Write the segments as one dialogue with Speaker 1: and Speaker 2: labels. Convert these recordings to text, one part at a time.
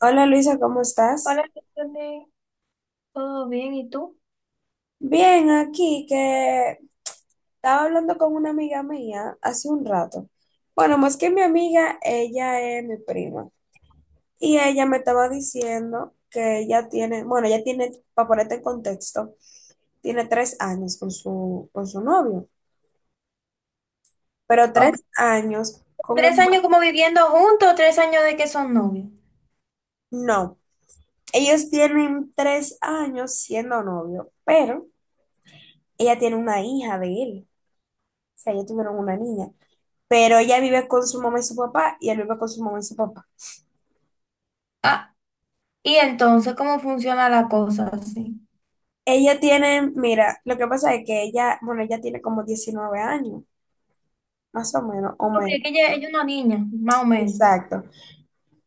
Speaker 1: Hola Luisa, ¿cómo estás?
Speaker 2: Hola, Stephanie. ¿Todo bien? ¿Y tú?
Speaker 1: Bien, aquí que estaba hablando con una amiga mía hace un rato. Bueno, más que mi amiga, ella es mi prima. Y ella me estaba diciendo que bueno, ella tiene, para ponerte en contexto, tiene 3 años con con su novio, pero
Speaker 2: Ok.
Speaker 1: 3 años con
Speaker 2: Tres
Speaker 1: un...
Speaker 2: años
Speaker 1: va-
Speaker 2: como viviendo juntos, tres años de que son novios.
Speaker 1: No, ellos tienen 3 años siendo novio, pero ella tiene una hija de él. O sea, ellos tuvieron una niña. Pero ella vive con su mamá y su papá y él vive con su mamá y su papá.
Speaker 2: Ah, y entonces, ¿cómo funciona la cosa así?
Speaker 1: Ella tiene, mira, lo que pasa es que bueno, ella tiene como 19 años, más o menos, o
Speaker 2: Porque
Speaker 1: menos.
Speaker 2: es que ella es una niña, más o menos.
Speaker 1: Exacto.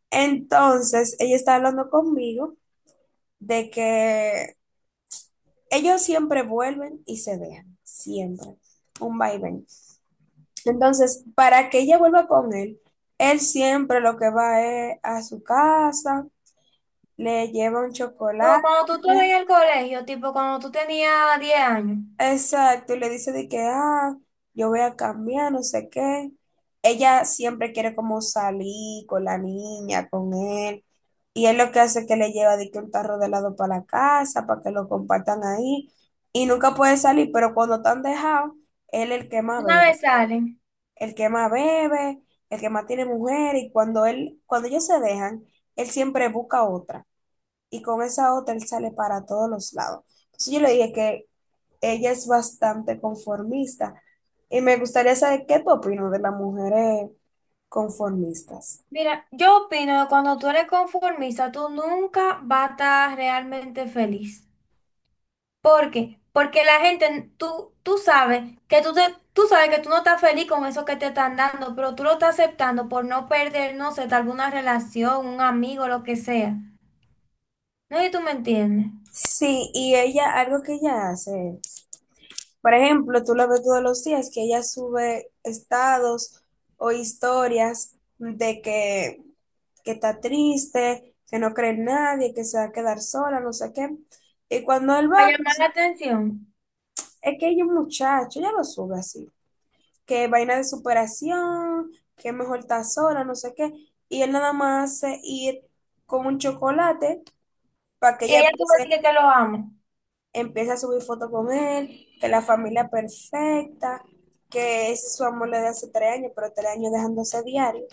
Speaker 1: Entonces, ella está hablando conmigo de que ellos siempre vuelven y se dejan, siempre, un va y ven. Entonces, para que ella vuelva con él, él siempre lo que va es a su casa, le lleva un
Speaker 2: Como
Speaker 1: chocolate.
Speaker 2: cuando tú estabas en el colegio, tipo cuando tú tenías 10 años.
Speaker 1: Exacto, y le dice de que, ah, yo voy a cambiar, no sé qué. Ella siempre quiere como salir con la niña, con él. Y él lo que hace es que le lleva de que un tarro de helado para la casa, para que lo compartan ahí. Y nunca puede salir, pero cuando están dejados, él es el que más
Speaker 2: Una
Speaker 1: bebe.
Speaker 2: vez salen.
Speaker 1: El que más bebe, el que más tiene mujer. Y cuando él, cuando ellos se dejan, él siempre busca otra. Y con esa otra él sale para todos los lados. Entonces yo le dije que ella es bastante conformista. Y me gustaría saber qué tú opinas de las mujeres conformistas.
Speaker 2: Mira, yo opino que cuando tú eres conformista, tú nunca vas a estar realmente feliz. ¿Por qué? Porque la gente, tú sabes que tú sabes que tú no estás feliz con eso que te están dando, pero tú lo estás aceptando por no perder, no sé, tal vez una relación, un amigo, lo que sea. No sé si tú me entiendes.
Speaker 1: Sí, y ella, algo que ella hace, por ejemplo, tú la ves todos los días, que ella sube estados o historias de que está triste, que no cree en nadie, que se va a quedar sola, no sé qué. Y cuando él
Speaker 2: Para
Speaker 1: va,
Speaker 2: llamar
Speaker 1: pues,
Speaker 2: la atención.
Speaker 1: es que ella es un muchacho, ella lo sube así. Que vaina de superación, que mejor estar sola, no sé qué. Y él nada más hace ir con un chocolate para que
Speaker 2: Y
Speaker 1: ella
Speaker 2: ella tú me
Speaker 1: empiece,
Speaker 2: dices que lo amo.
Speaker 1: empiece a subir fotos con él, que la familia perfecta, que ese es su amor le de hace 3 años, pero tres años dejándose diario.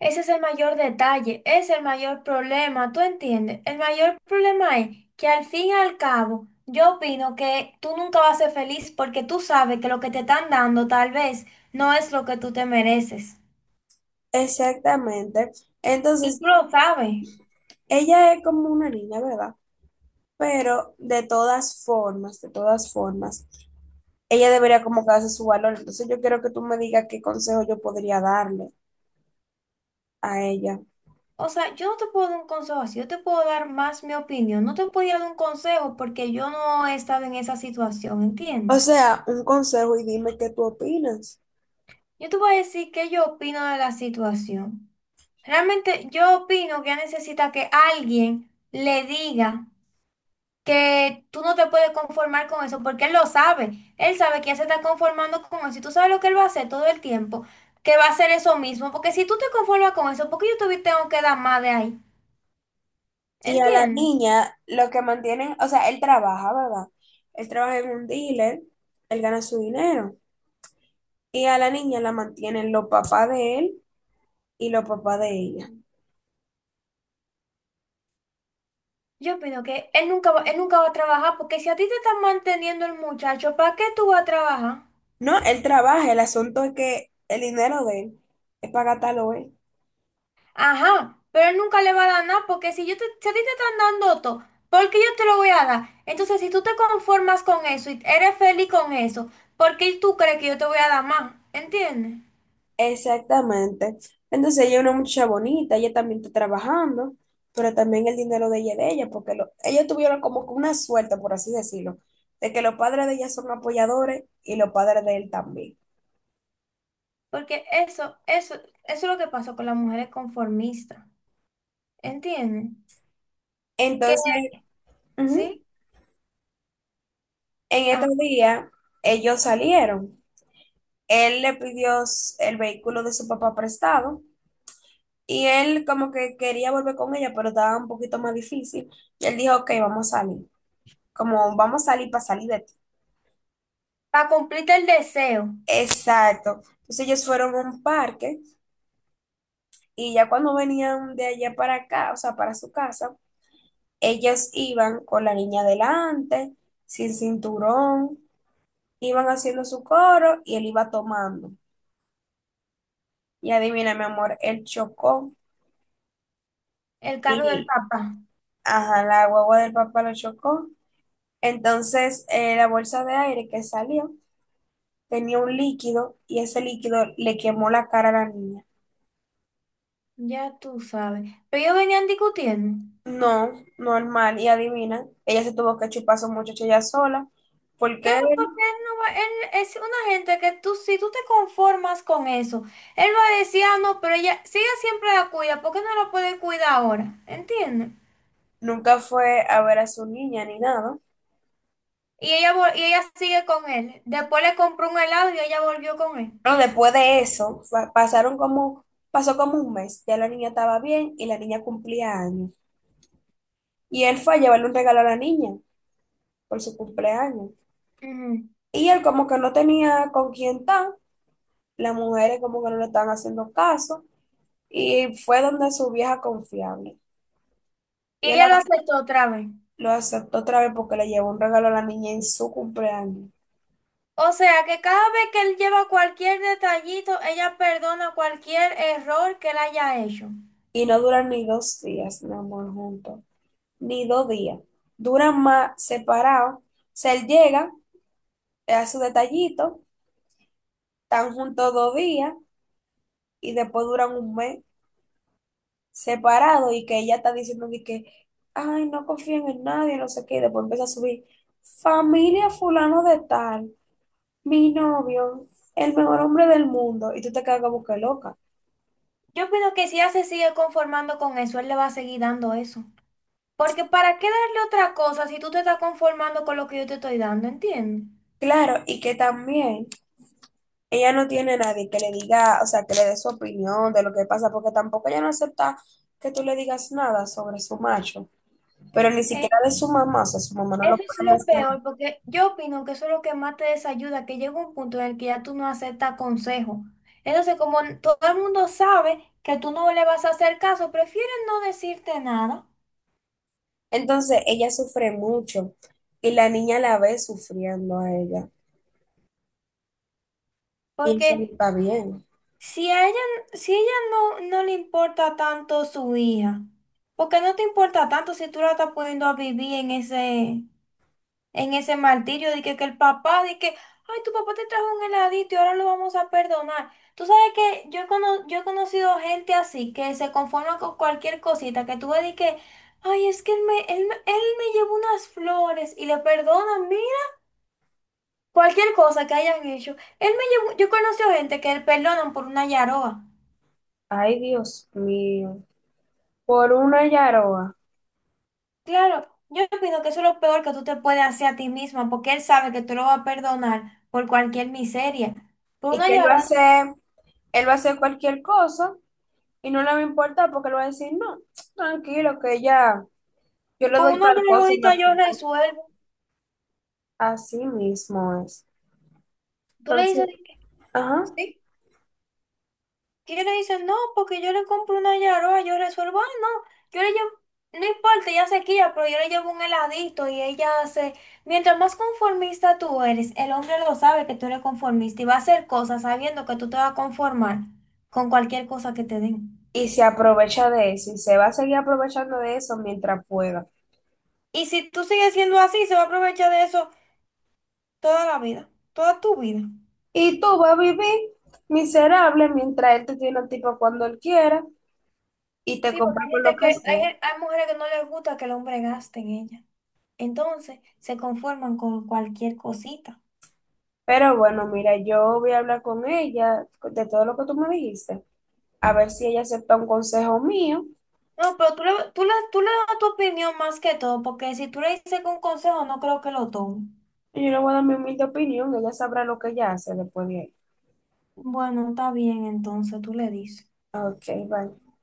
Speaker 2: Ese es el mayor detalle, es el mayor problema, ¿tú entiendes? El mayor problema es que al fin y al cabo, yo opino que tú nunca vas a ser feliz porque tú sabes que lo que te están dando tal vez no es lo que tú te mereces.
Speaker 1: Exactamente.
Speaker 2: Y
Speaker 1: Entonces,
Speaker 2: tú lo sabes.
Speaker 1: ella es como una niña, ¿verdad? Pero de todas formas, ella debería como que darse su valor. Entonces yo quiero que tú me digas qué consejo yo podría darle a ella.
Speaker 2: O sea, yo no te puedo dar un consejo así, yo te puedo dar más mi opinión. No te podía dar un consejo porque yo no he estado en esa situación,
Speaker 1: O
Speaker 2: ¿entiendes?
Speaker 1: sea, un consejo y dime qué tú opinas.
Speaker 2: Yo te voy a decir qué yo opino de la situación. Realmente yo opino que ella necesita que alguien le diga que tú no te puedes conformar con eso porque él lo sabe. Él sabe que ya se está conformando con eso y tú sabes lo que él va a hacer todo el tiempo, que va a hacer eso mismo. Porque si tú te conformas con eso, ¿por qué yo te tengo que dar más de ahí?
Speaker 1: Y a la
Speaker 2: ¿Entiendes?
Speaker 1: niña, lo que mantienen, o sea, él trabaja, ¿verdad? Él trabaja en un dealer, él gana su dinero. Y a la niña la mantienen los papás de él y los papás de ella.
Speaker 2: Yo opino que él nunca va a trabajar porque si a ti te están manteniendo el muchacho, ¿para qué tú vas a trabajar?
Speaker 1: No, él trabaja, el asunto es que el dinero de él es para gastarlo él.
Speaker 2: Ajá, pero él nunca le va a dar nada porque si yo te, si a ti te están dando todo, ¿por qué yo te lo voy a dar? Entonces, si tú te conformas con eso y eres feliz con eso, ¿por qué tú crees que yo te voy a dar más? ¿Entiendes?
Speaker 1: Exactamente. Entonces ella es una muchacha bonita, ella también está trabajando, pero también el dinero de ella es de ella, porque lo- ellos tuvieron como que una suerte, por así decirlo, de que los padres de ella son apoyadores y los padres de él también.
Speaker 2: Porque eso es lo que pasa con las mujeres conformistas. ¿Entiendes? Que
Speaker 1: Entonces, ujú,
Speaker 2: sí,
Speaker 1: en
Speaker 2: ajá,
Speaker 1: estos días ellos salieron. Él le pidió el vehículo de su papá prestado y él como que quería volver con ella, pero estaba un poquito más difícil. Y él dijo, ok, vamos a salir. Como vamos a salir para salir de...
Speaker 2: para cumplirte el deseo,
Speaker 1: Exacto. Entonces ellos fueron a un parque y ya cuando venían de allá para acá, o sea, para su casa, ellos iban con la niña delante, sin cinturón, iban haciendo su coro y él iba tomando. Y adivina, mi amor, él chocó
Speaker 2: el carro del
Speaker 1: y,
Speaker 2: papá.
Speaker 1: ajá, la guagua del papá lo chocó. Entonces, la bolsa de aire que salió tenía un líquido y ese líquido le quemó la cara a la niña.
Speaker 2: Ya tú sabes. Pero ellos venían discutiendo.
Speaker 1: No, normal. Y adivina, ella se tuvo que chupar a su muchacho ella sola, porque
Speaker 2: Claro,
Speaker 1: él
Speaker 2: porque él, no va- él es una gente que tú, si tú te conformas con eso, él va a decir, ah, no, pero ella, si ella siempre la cuida, ¿por qué no la puede cuidar ahora? ¿Entiendes?
Speaker 1: nunca fue a ver a su niña ni nada.
Speaker 2: Y ella, y ella sigue con él. Después le compró un helado y ella volvió con él.
Speaker 1: Pero después de eso, pasó como un mes. Ya la niña estaba bien y la niña cumplía años. Y él fue a llevarle un regalo a la niña por su cumpleaños.
Speaker 2: Ujú.
Speaker 1: Y él como que no tenía con quién estar, las mujeres como que no le estaban haciendo caso, y fue donde su vieja confiable.
Speaker 2: Y
Speaker 1: Y él
Speaker 2: ella lo aceptó otra vez.
Speaker 1: lo aceptó otra vez porque le llevó un regalo a la niña en su cumpleaños.
Speaker 2: O sea que cada vez que él lleva cualquier detallito, ella perdona cualquier error que él haya hecho.
Speaker 1: Y no duran ni 2 días, mi amor, juntos, ni 2 días. Duran más separados. O sea, él llega, le hace su detallito, están juntos 2 días y después duran un mes separados y que ella está diciendo de que, ay, no confíen en nadie, no sé qué, y después empieza a subir, familia fulano de tal, mi novio, el mejor hombre del mundo, y tú te quedas como que loca.
Speaker 2: Yo opino que si ella se sigue conformando con eso, él le va a seguir dando eso. Porque ¿para qué darle otra cosa si tú te estás conformando con lo que yo te estoy dando? ¿Entiendes?
Speaker 1: Claro, y que también ella no tiene a nadie que le diga, o sea, que le dé su opinión de lo que pasa, porque tampoco ella no acepta que tú le digas nada sobre su macho, pero ni
Speaker 2: Eh,
Speaker 1: siquiera de su mamá, o sea, su mamá no lo
Speaker 2: eso es
Speaker 1: puede
Speaker 2: lo
Speaker 1: mencionar.
Speaker 2: peor, porque yo opino que eso es lo que más te desayuda, que llega un punto en el que ya tú no aceptas consejo. Entonces, como todo el mundo sabe que tú no le vas a hacer caso, prefieren no decirte nada,
Speaker 1: Entonces, ella sufre mucho y la niña la ve sufriendo a ella. Y eso no
Speaker 2: porque
Speaker 1: está bien.
Speaker 2: si a ella, si ella no le importa tanto su hija, porque no te importa tanto si tú la estás poniendo a vivir en ese martirio de que el papá, de que, ay, tu papá te trajo un heladito y ahora lo vamos a perdonar. Tú sabes que yo he conocido gente así, que se conforma con cualquier cosita, que tú ves de que, ay, es que él me llevó unas flores y le perdonan, mira, cualquier cosa que hayan hecho. Él me llevó, yo he conocido gente que le perdonan por una yaroa.
Speaker 1: Ay, Dios mío. Por una yaroa.
Speaker 2: Claro, yo opino que eso es lo peor que tú te puedes hacer a ti misma, porque él sabe que tú lo vas a perdonar por cualquier miseria. Por
Speaker 1: Y
Speaker 2: una
Speaker 1: que él va a
Speaker 2: llorona,
Speaker 1: hacer, él va a hacer cualquier cosa y no le va a importar porque él va a decir, no, tranquilo, que ella, yo le
Speaker 2: con
Speaker 1: doy
Speaker 2: una
Speaker 1: tal cosa y me...
Speaker 2: lloradita yo resuelvo.
Speaker 1: Así mismo es.
Speaker 2: Tú le dices,
Speaker 1: Entonces,
Speaker 2: de que,
Speaker 1: ajá,
Speaker 2: ¿sí? Y él le dice, no, porque yo le compro una llorona, yo resuelvo. Ah, no, yo le llevo, no importa, ya se quilla, pero yo le llevo un heladito y ella hace. Mientras más conformista tú eres, el hombre lo sabe que tú eres conformista y va a hacer cosas sabiendo que tú te vas a conformar con cualquier cosa que te den.
Speaker 1: y se aprovecha de eso y se va a seguir aprovechando de eso mientras pueda.
Speaker 2: Y si tú sigues siendo así, se va a aprovechar de eso toda la vida, toda tu vida.
Speaker 1: Y tú vas a vivir miserable mientras él te tiene un tipo cuando él quiera y te
Speaker 2: Sí, porque
Speaker 1: compra
Speaker 2: hay
Speaker 1: con lo
Speaker 2: gente que,
Speaker 1: que sea.
Speaker 2: hay mujeres que no les gusta que el hombre gaste en ella. Entonces, se conforman con cualquier cosita.
Speaker 1: Pero bueno, mira, yo voy a hablar con ella de todo lo que tú me dijiste, a ver si ella acepta un consejo mío.
Speaker 2: No, pero tú le das tu opinión más que todo, porque si tú le dices un consejo, no creo que lo tome.
Speaker 1: Y yo le voy a dar mi humilde opinión, ella sabrá lo que ella hace después de ahí.
Speaker 2: Bueno, está bien, entonces tú le dices.
Speaker 1: Ok, bye.